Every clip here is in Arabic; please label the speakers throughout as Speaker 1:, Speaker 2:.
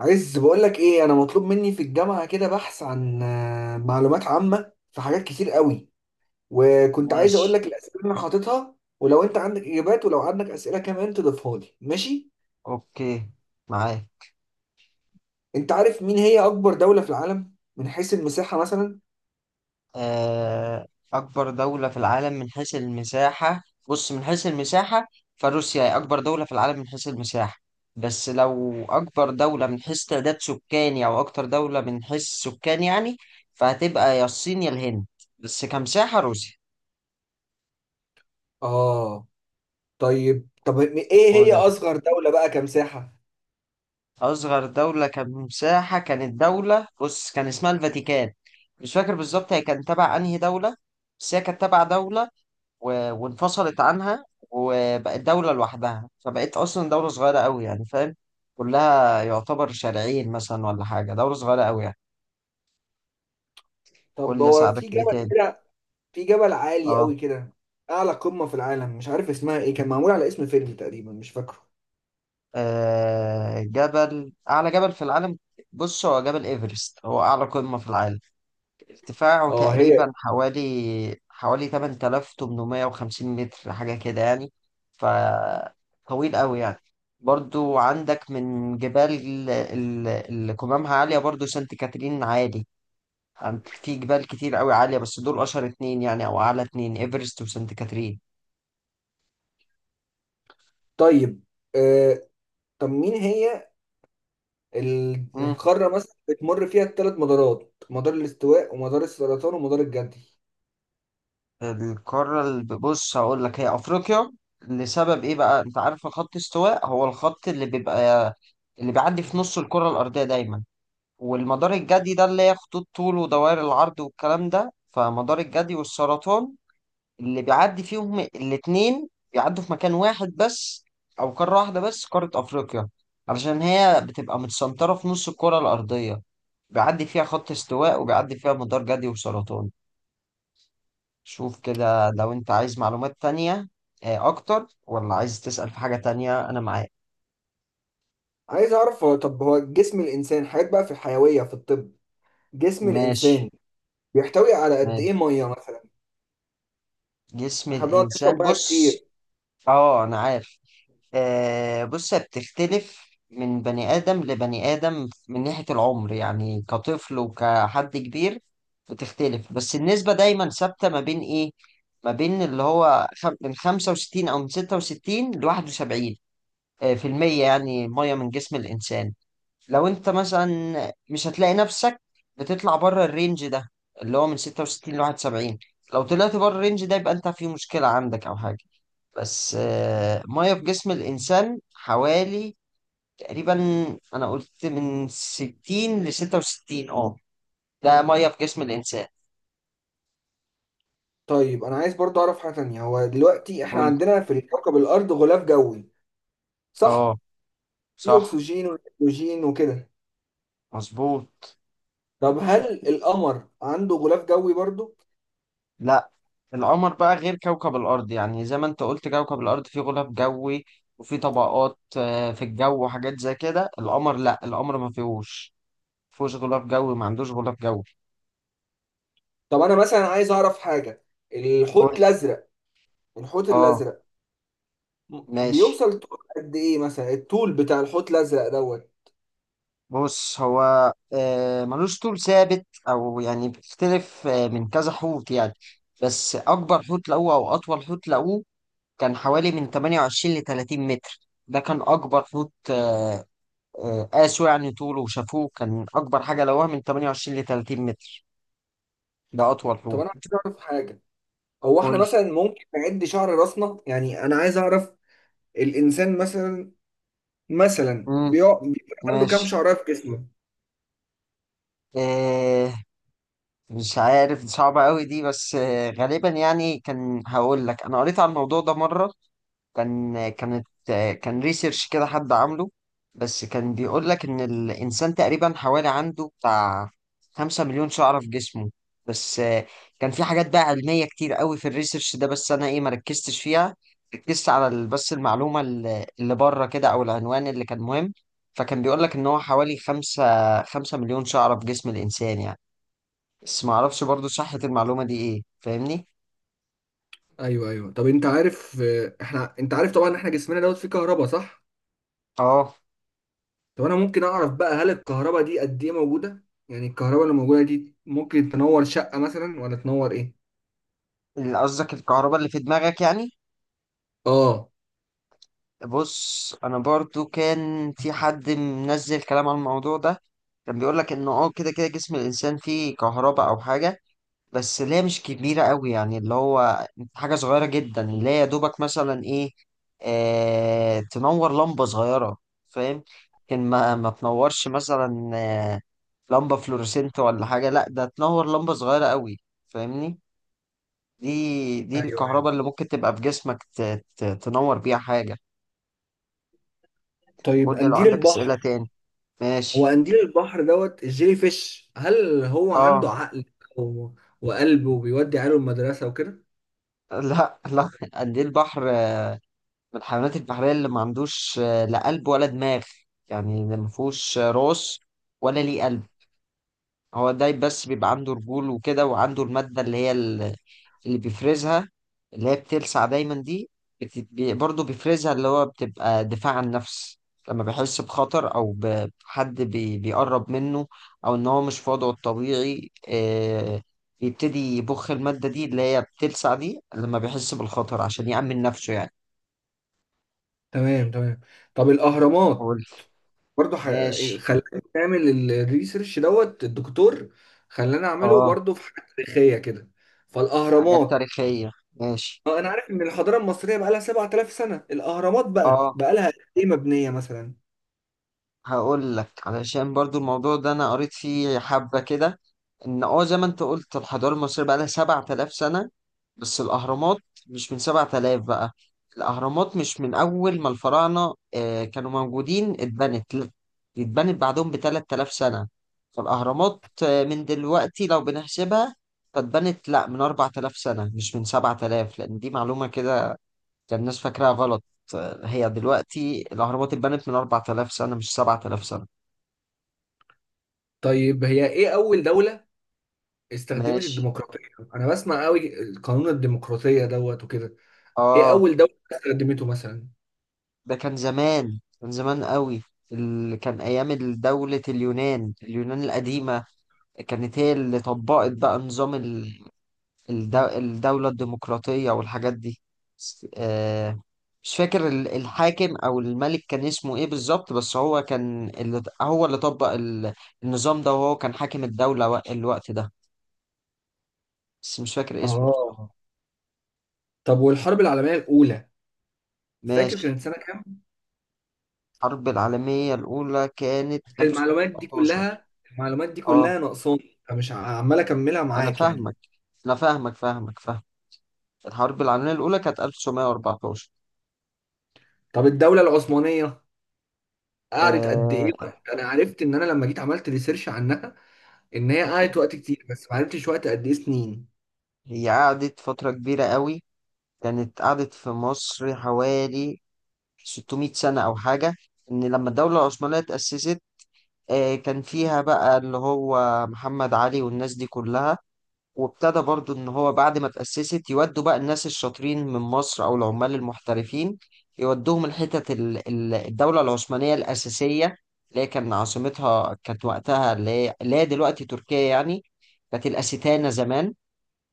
Speaker 1: عايز بقول لك ايه، انا مطلوب مني في الجامعه كده بحث عن معلومات عامه في حاجات كتير قوي. وكنت عايز اقول
Speaker 2: ماشي.
Speaker 1: لك الاسئله اللي انا حاططها، ولو انت عندك اجابات ولو عندك اسئله كمان تضيفها لي، ماشي؟
Speaker 2: أوكي. معاك.
Speaker 1: انت عارف مين هي اكبر دوله في العالم من حيث المساحه مثلا؟
Speaker 2: آه، أكبر دولة في العالم من حيث المساحة. بص، من حيث المساحة، فروسيا هي أكبر دولة في العالم من حيث المساحة. بس لو أكبر دولة من حيث تعداد سكاني، أو أكتر دولة من حيث السكان يعني، فهتبقى يا الصين يا الهند. بس كمساحة روسيا.
Speaker 1: اه. طيب، ايه هي
Speaker 2: قول.
Speaker 1: اصغر دوله بقى كمساحه؟
Speaker 2: أصغر دولة كمساحة كانت دولة، بص كان اسمها الفاتيكان. مش فاكر بالظبط هي كانت تبع أنهي دولة، بس هي كانت تبع دولة وانفصلت عنها وبقت دولة لوحدها، فبقت أصلا دولة صغيرة أوي يعني، فاهم؟ كلها يعتبر شارعين مثلا ولا حاجة، دولة صغيرة أوي يعني. قول
Speaker 1: طب
Speaker 2: لي
Speaker 1: هو
Speaker 2: أساعدك
Speaker 1: في
Speaker 2: في إيه
Speaker 1: جبل
Speaker 2: تاني.
Speaker 1: كده، في جبل عالي
Speaker 2: أه.
Speaker 1: قوي كده، اعلى قمه في العالم، مش عارف اسمها ايه، كان معمول على اسم فيلم تقريبا، مش فاكره.
Speaker 2: جبل أعلى جبل في العالم. بص هو جبل إيفرست هو أعلى قمة في العالم. ارتفاعه
Speaker 1: اه، هي.
Speaker 2: تقريبا حوالي 8850 متر، حاجة كده يعني. فطويل قوي يعني. برضو عندك من جبال اللي قمامها عالية برضو، سانت كاترين عالي. في جبال كتير قوي عالية، بس دول أشهر اتنين يعني، أو أعلى اتنين، إيفرست وسانت كاترين.
Speaker 1: طيب آه، طب مين هي
Speaker 2: مم.
Speaker 1: القارة مثلا بتمر فيها الثلاث مدارات، مدار الاستواء ومدار السرطان ومدار الجدي؟
Speaker 2: القارة اللي، بص هقول لك، هي أفريقيا. لسبب إيه بقى؟ أنت عارف خط استواء هو الخط اللي بيبقى، اللي بيعدي في نص الكرة الأرضية دايما. والمدار الجدي ده اللي هي خطوط طول ودوائر العرض والكلام ده. فمدار الجدي والسرطان اللي بيعدي فيهم الاتنين، بيعدوا في مكان واحد بس، أو قارة واحدة بس، قارة أفريقيا. علشان هي بتبقى متسنطرة في نص الكرة الأرضية، بيعدي فيها خط استواء وبيعدي فيها مدار جدي وسرطان. شوف كده لو أنت عايز معلومات تانية أكتر، ولا عايز تسأل في حاجة تانية، أنا معاك.
Speaker 1: عايز اعرف، طب هو جسم الانسان حاجات بقى في الحيوية في الطب، جسم
Speaker 2: ماشي،
Speaker 1: الانسان بيحتوي على قد ايه
Speaker 2: ماشي.
Speaker 1: مية مثلا؟
Speaker 2: جسم
Speaker 1: احنا بنقعد
Speaker 2: الإنسان
Speaker 1: نشرب ميه
Speaker 2: بص.
Speaker 1: كتير.
Speaker 2: اه أنا عارف. بص هي بتختلف من بني آدم لبني آدم من ناحية العمر، يعني كطفل وكحد كبير بتختلف، بس النسبة دايما ثابتة ما بين إيه؟ ما بين اللي هو من 65 أو من 66 ل 71 في المية، يعني مية من جسم الإنسان. لو أنت مثلا مش هتلاقي نفسك بتطلع بره الرينج ده، اللي هو من 66 ل 71، لو طلعت بره الرينج ده يبقى أنت في مشكلة عندك أو حاجة. بس مية في جسم الإنسان حوالي، تقريبا، أنا قلت من 60 ل 66، اه. ده مية في جسم الإنسان.
Speaker 1: طيب انا عايز برضو اعرف حاجة تانية، هو دلوقتي احنا
Speaker 2: قلت.
Speaker 1: عندنا في كوكب الارض غلاف جوي، صح؟
Speaker 2: اه.
Speaker 1: في
Speaker 2: صح.
Speaker 1: اكسجين ونيتروجين وكده.
Speaker 2: مظبوط.
Speaker 1: طب هل القمر عنده غلاف جوي برضو؟
Speaker 2: لا، القمر بقى غير كوكب الأرض، يعني زي ما أنت قلت كوكب الأرض فيه غلاف جوي، وفيه طبقات في الجو وحاجات زي كده. القمر لا، القمر ما فيهوش، ما فيهوش غلاف جوي، ما عندوش غلاف جوي.
Speaker 1: طب انا مثلا عايز اعرف حاجة،
Speaker 2: قول.
Speaker 1: الحوت الازرق، الحوت
Speaker 2: اه.
Speaker 1: الازرق
Speaker 2: ماشي.
Speaker 1: بيوصل طول قد ايه مثلا؟ الطول بتاع الحوت الازرق
Speaker 2: بص هو ملوش طول ثابت او يعني بيختلف من كذا حوت يعني. بس اكبر حوت لقوه او اطول حوت لقوه كان حوالي من 28 ل 30 متر. ده كان اكبر حوت. قاسوا يعني طوله وشافوه كان اكبر حاجه لقوها من 28 ل 30 متر. ده اطول
Speaker 1: طب
Speaker 2: حوت.
Speaker 1: انا عايز اعرف حاجه، هو احنا
Speaker 2: قول.
Speaker 1: مثلا ممكن نعد شعر راسنا؟ يعني انا عايز اعرف الانسان مثلا،
Speaker 2: امم
Speaker 1: بيبقى عنده كام
Speaker 2: ماشي.
Speaker 1: شعره في جسمه؟
Speaker 2: آه، مش عارف، دي صعبة قوي دي، بس غالبا يعني، كان هقول لك انا قريت على الموضوع ده مرة. كان كانت كان ريسيرش كده حد عامله. بس كان بيقول لك ان الانسان تقريبا حوالي عنده بتاع 5 مليون شعرة في جسمه. بس كان في حاجات بقى علمية كتير قوي في الريسيرش ده، بس انا ايه ما ركزتش فيها. ركزت على بس المعلومة اللي بره كده او العنوان اللي كان مهم. فكان بيقول لك ان هو حوالي 5 مليون شعرة في جسم الانسان يعني. بس ما اعرفش برضو صحة المعلومة دي ايه، فاهمني؟
Speaker 1: ايوه، ايوه. طب انت عارف، احنا، انت عارف طبعا ان احنا جسمنا فيه كهرباء، صح؟
Speaker 2: اه.
Speaker 1: طب انا ممكن اعرف بقى، هل الكهرباء دي قد ايه موجوده؟ يعني الكهرباء اللي موجوده دي ممكن تنور شقه مثلا ولا تنور ايه؟
Speaker 2: اللي قصدك الكهرباء اللي في دماغك يعني؟
Speaker 1: اه.
Speaker 2: بص انا برضو كان في حد منزل كلام عن الموضوع ده. كان بيقول لك انه كده كده جسم الانسان فيه كهرباء او حاجه، بس اللي هي مش كبيره قوي يعني، اللي هو حاجه صغيره جدا، اللي هي يا دوبك مثلا ايه، تنور لمبه صغيره، فاهم؟ لكن ما تنورش مثلا لمبه فلورسنت ولا حاجه، لا ده تنور لمبه صغيره قوي، فاهمني؟ دي
Speaker 1: ايوه، ايوه.
Speaker 2: الكهرباء اللي ممكن تبقى في جسمك تنور بيها حاجه.
Speaker 1: طيب،
Speaker 2: قول لي لو
Speaker 1: قنديل
Speaker 2: عندك أسئلة
Speaker 1: البحر،
Speaker 2: تاني.
Speaker 1: هو
Speaker 2: ماشي.
Speaker 1: قنديل البحر الجيلي فيش، هل هو
Speaker 2: اه.
Speaker 1: عنده عقل و- وقلب وبيودي عياله المدرسة وكده؟
Speaker 2: لا، لا، قد ايه البحر من الحيوانات البحرية اللي ما عندوش لا قلب ولا دماغ، يعني اللي ما فيهوش راس ولا ليه قلب. هو الدايب بس بيبقى عنده رجول وكده، وعنده المادة اللي هي اللي بيفرزها، اللي هي بتلسع دايما دي، برضه بيفرزها اللي هو بتبقى دفاع عن النفس. لما بيحس بخطر، أو بحد بيقرب منه، أو إن هو مش في وضعه الطبيعي، بيبتدي يبخ المادة دي اللي هي بتلسع دي لما بيحس بالخطر عشان يأمن نفسه يعني.
Speaker 1: تمام، تمام. طب الأهرامات،
Speaker 2: قلت.
Speaker 1: برضه
Speaker 2: ماشي.
Speaker 1: خلاني نعمل الريسيرش الدكتور خلانا أعمله
Speaker 2: اه.
Speaker 1: برضه في حاجة تاريخية كده،
Speaker 2: حاجات
Speaker 1: فالأهرامات،
Speaker 2: تاريخية. ماشي.
Speaker 1: أنا عارف إن الحضارة المصرية بقى لها 7000 سنة، الأهرامات بقى
Speaker 2: اه،
Speaker 1: بقى لها إيه مبنية مثلا؟
Speaker 2: هقول لك. علشان برضو الموضوع ده انا قريت فيه حبة كده، ان زي ما انت قلت الحضارة المصرية بقى لها 7000 سنة، بس الاهرامات مش من 7000 بقى. الاهرامات مش من اول ما الفراعنة كانوا موجودين اتبنت، لا. دي اتبنت بعدهم ب 3000 سنة. فالاهرامات من دلوقتي لو بنحسبها، فاتبنت لا من 4000 سنة، مش من 7000، لان دي معلومة كده كان الناس فاكراها غلط. هي دلوقتي الاهرامات اتبنت من 4000 سنة، مش 7000 سنة.
Speaker 1: طيب، هي إيه أول دولة استخدمت
Speaker 2: ماشي.
Speaker 1: الديمقراطية؟ أنا بسمع قوي قانون الديمقراطية وكده. ايه
Speaker 2: اه.
Speaker 1: اول دولة استخدمته مثلا؟
Speaker 2: ده كان زمان، كان زمان قوي، اللي كان ايام دولة اليونان. اليونان القديمة كانت هي اللي طبقت بقى نظام الدولة الديمقراطية والحاجات دي. س- آه مش فاكر الحاكم او الملك كان اسمه ايه بالظبط، بس هو كان اللي هو اللي طبق النظام ده، وهو كان حاكم الدولة الوقت ده، بس مش فاكر اسمه.
Speaker 1: اه. طب والحرب العالمية الاولى فاكر
Speaker 2: ماشي.
Speaker 1: كانت سنة كام؟
Speaker 2: الحرب العالمية الأولى كانت
Speaker 1: المعلومات دي
Speaker 2: 1914.
Speaker 1: كلها المعلومات دي كلها
Speaker 2: اه،
Speaker 1: ناقصاني، فمش عمال اكملها
Speaker 2: انا
Speaker 1: معاك يعني.
Speaker 2: فاهمك، انا فاهمك فاهمك فاهم. الحرب العالميه الاولى كانت 1914.
Speaker 1: طب الدولة العثمانية قعدت قد ايه
Speaker 2: آه...
Speaker 1: وقت؟ انا عرفت ان انا لما جيت عملت ريسيرش عنها ان هي قعدت وقت كتير، بس ما عرفتش وقت قد ايه سنين.
Speaker 2: هي قعدت فتره كبيره قوي، كانت قعدت في مصر حوالي 600 سنه او حاجه. ان لما الدوله العثمانيه اتاسست، كان فيها بقى اللي هو محمد علي والناس دي كلها. وابتدى برضو ان هو بعد ما تأسست يودوا بقى الناس الشاطرين من مصر او العمال المحترفين، يودوهم الحتت الدولة العثمانية الأساسية، اللي هي كان عاصمتها كانت وقتها اللي هي اللي هي دلوقتي تركيا يعني، كانت الأستانة زمان.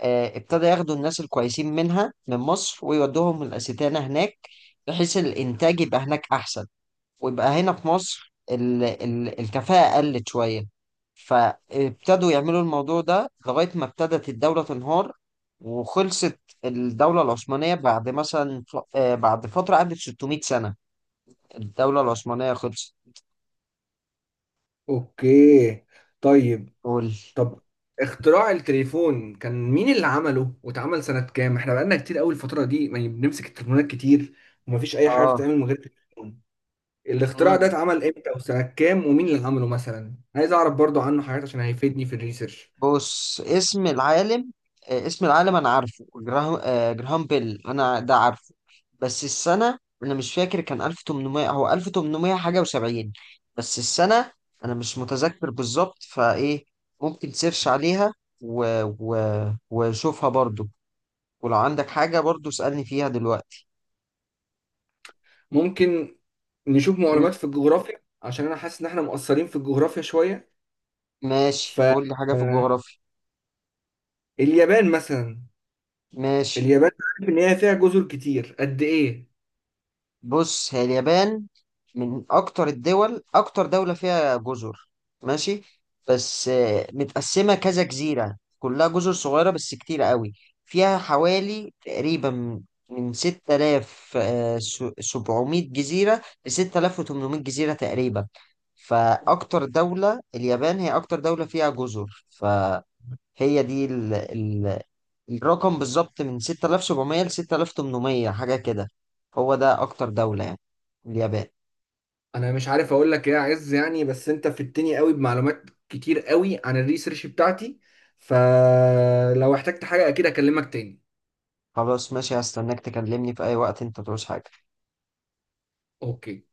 Speaker 2: ابتدى ياخدوا الناس الكويسين منها من مصر ويودوهم الأستانة هناك، بحيث الإنتاج يبقى هناك أحسن، ويبقى هنا في مصر ال ال الكفاءة قلت شوية. فابتدوا يعملوا الموضوع ده لغاية ما ابتدت الدولة تنهار وخلصت. الدولة العثمانية بعد مثلا بعد فترة قعدت 600 سنة، الدولة العثمانية خلصت.
Speaker 1: اوكي. طيب.
Speaker 2: قول.
Speaker 1: طب اختراع التليفون كان مين اللي عمله واتعمل سنة كام؟ احنا بقالنا كتير قوي الفترة دي، يعني بنمسك التليفونات كتير، ومفيش أي حاجة
Speaker 2: اه.
Speaker 1: بتتعمل من غير التليفون. الاختراع ده اتعمل امتى وسنة كام ومين اللي عمله مثلا؟ عايز أعرف برضو عنه حاجات عشان هيفيدني في الريسيرش.
Speaker 2: بص اسم العالم انا عارفه جراهام بيل، انا ده عارفه. بس السنه انا مش فاكر، كان 1800، هو 1800 حاجه و70، بس السنه انا مش متذكر بالظبط فايه، ممكن تسيرش عليها و... و... وشوفها برضو. ولو عندك حاجه برضو اسالني فيها دلوقتي.
Speaker 1: ممكن نشوف
Speaker 2: مم.
Speaker 1: معلومات في الجغرافيا، عشان أنا حاسس إن احنا مقصرين في الجغرافيا شوية. ف
Speaker 2: ماشي، قول لي حاجه في
Speaker 1: آه،
Speaker 2: الجغرافيا.
Speaker 1: اليابان مثلا،
Speaker 2: ماشي.
Speaker 1: اليابان، عارف إن هي فيها جزر كتير قد إيه؟
Speaker 2: بص هي اليابان من اكتر الدول، اكتر دولة فيها جزر. ماشي. بس متقسمة كذا جزيرة، كلها جزر صغيرة بس كتيرة قوي. فيها حوالي تقريبا من 6700 جزيرة ل 6800 جزيرة تقريبا. فأكتر دولة اليابان هي أكتر دولة فيها جزر. هي دي الرقم بالظبط من 6700 ل 6800، حاجة كده. هو ده أكتر دولة يعني، اليابان.
Speaker 1: انا مش عارف اقول لك ايه يا عز يعني، بس انت فدتني قوي بمعلومات كتير قوي عن الريسيرش بتاعتي، فلو احتجت حاجة اكيد اكلمك تاني.
Speaker 2: خلاص ماشي، هستناك تكلمني في أي وقت أنت تعوز حاجة.
Speaker 1: اوكي.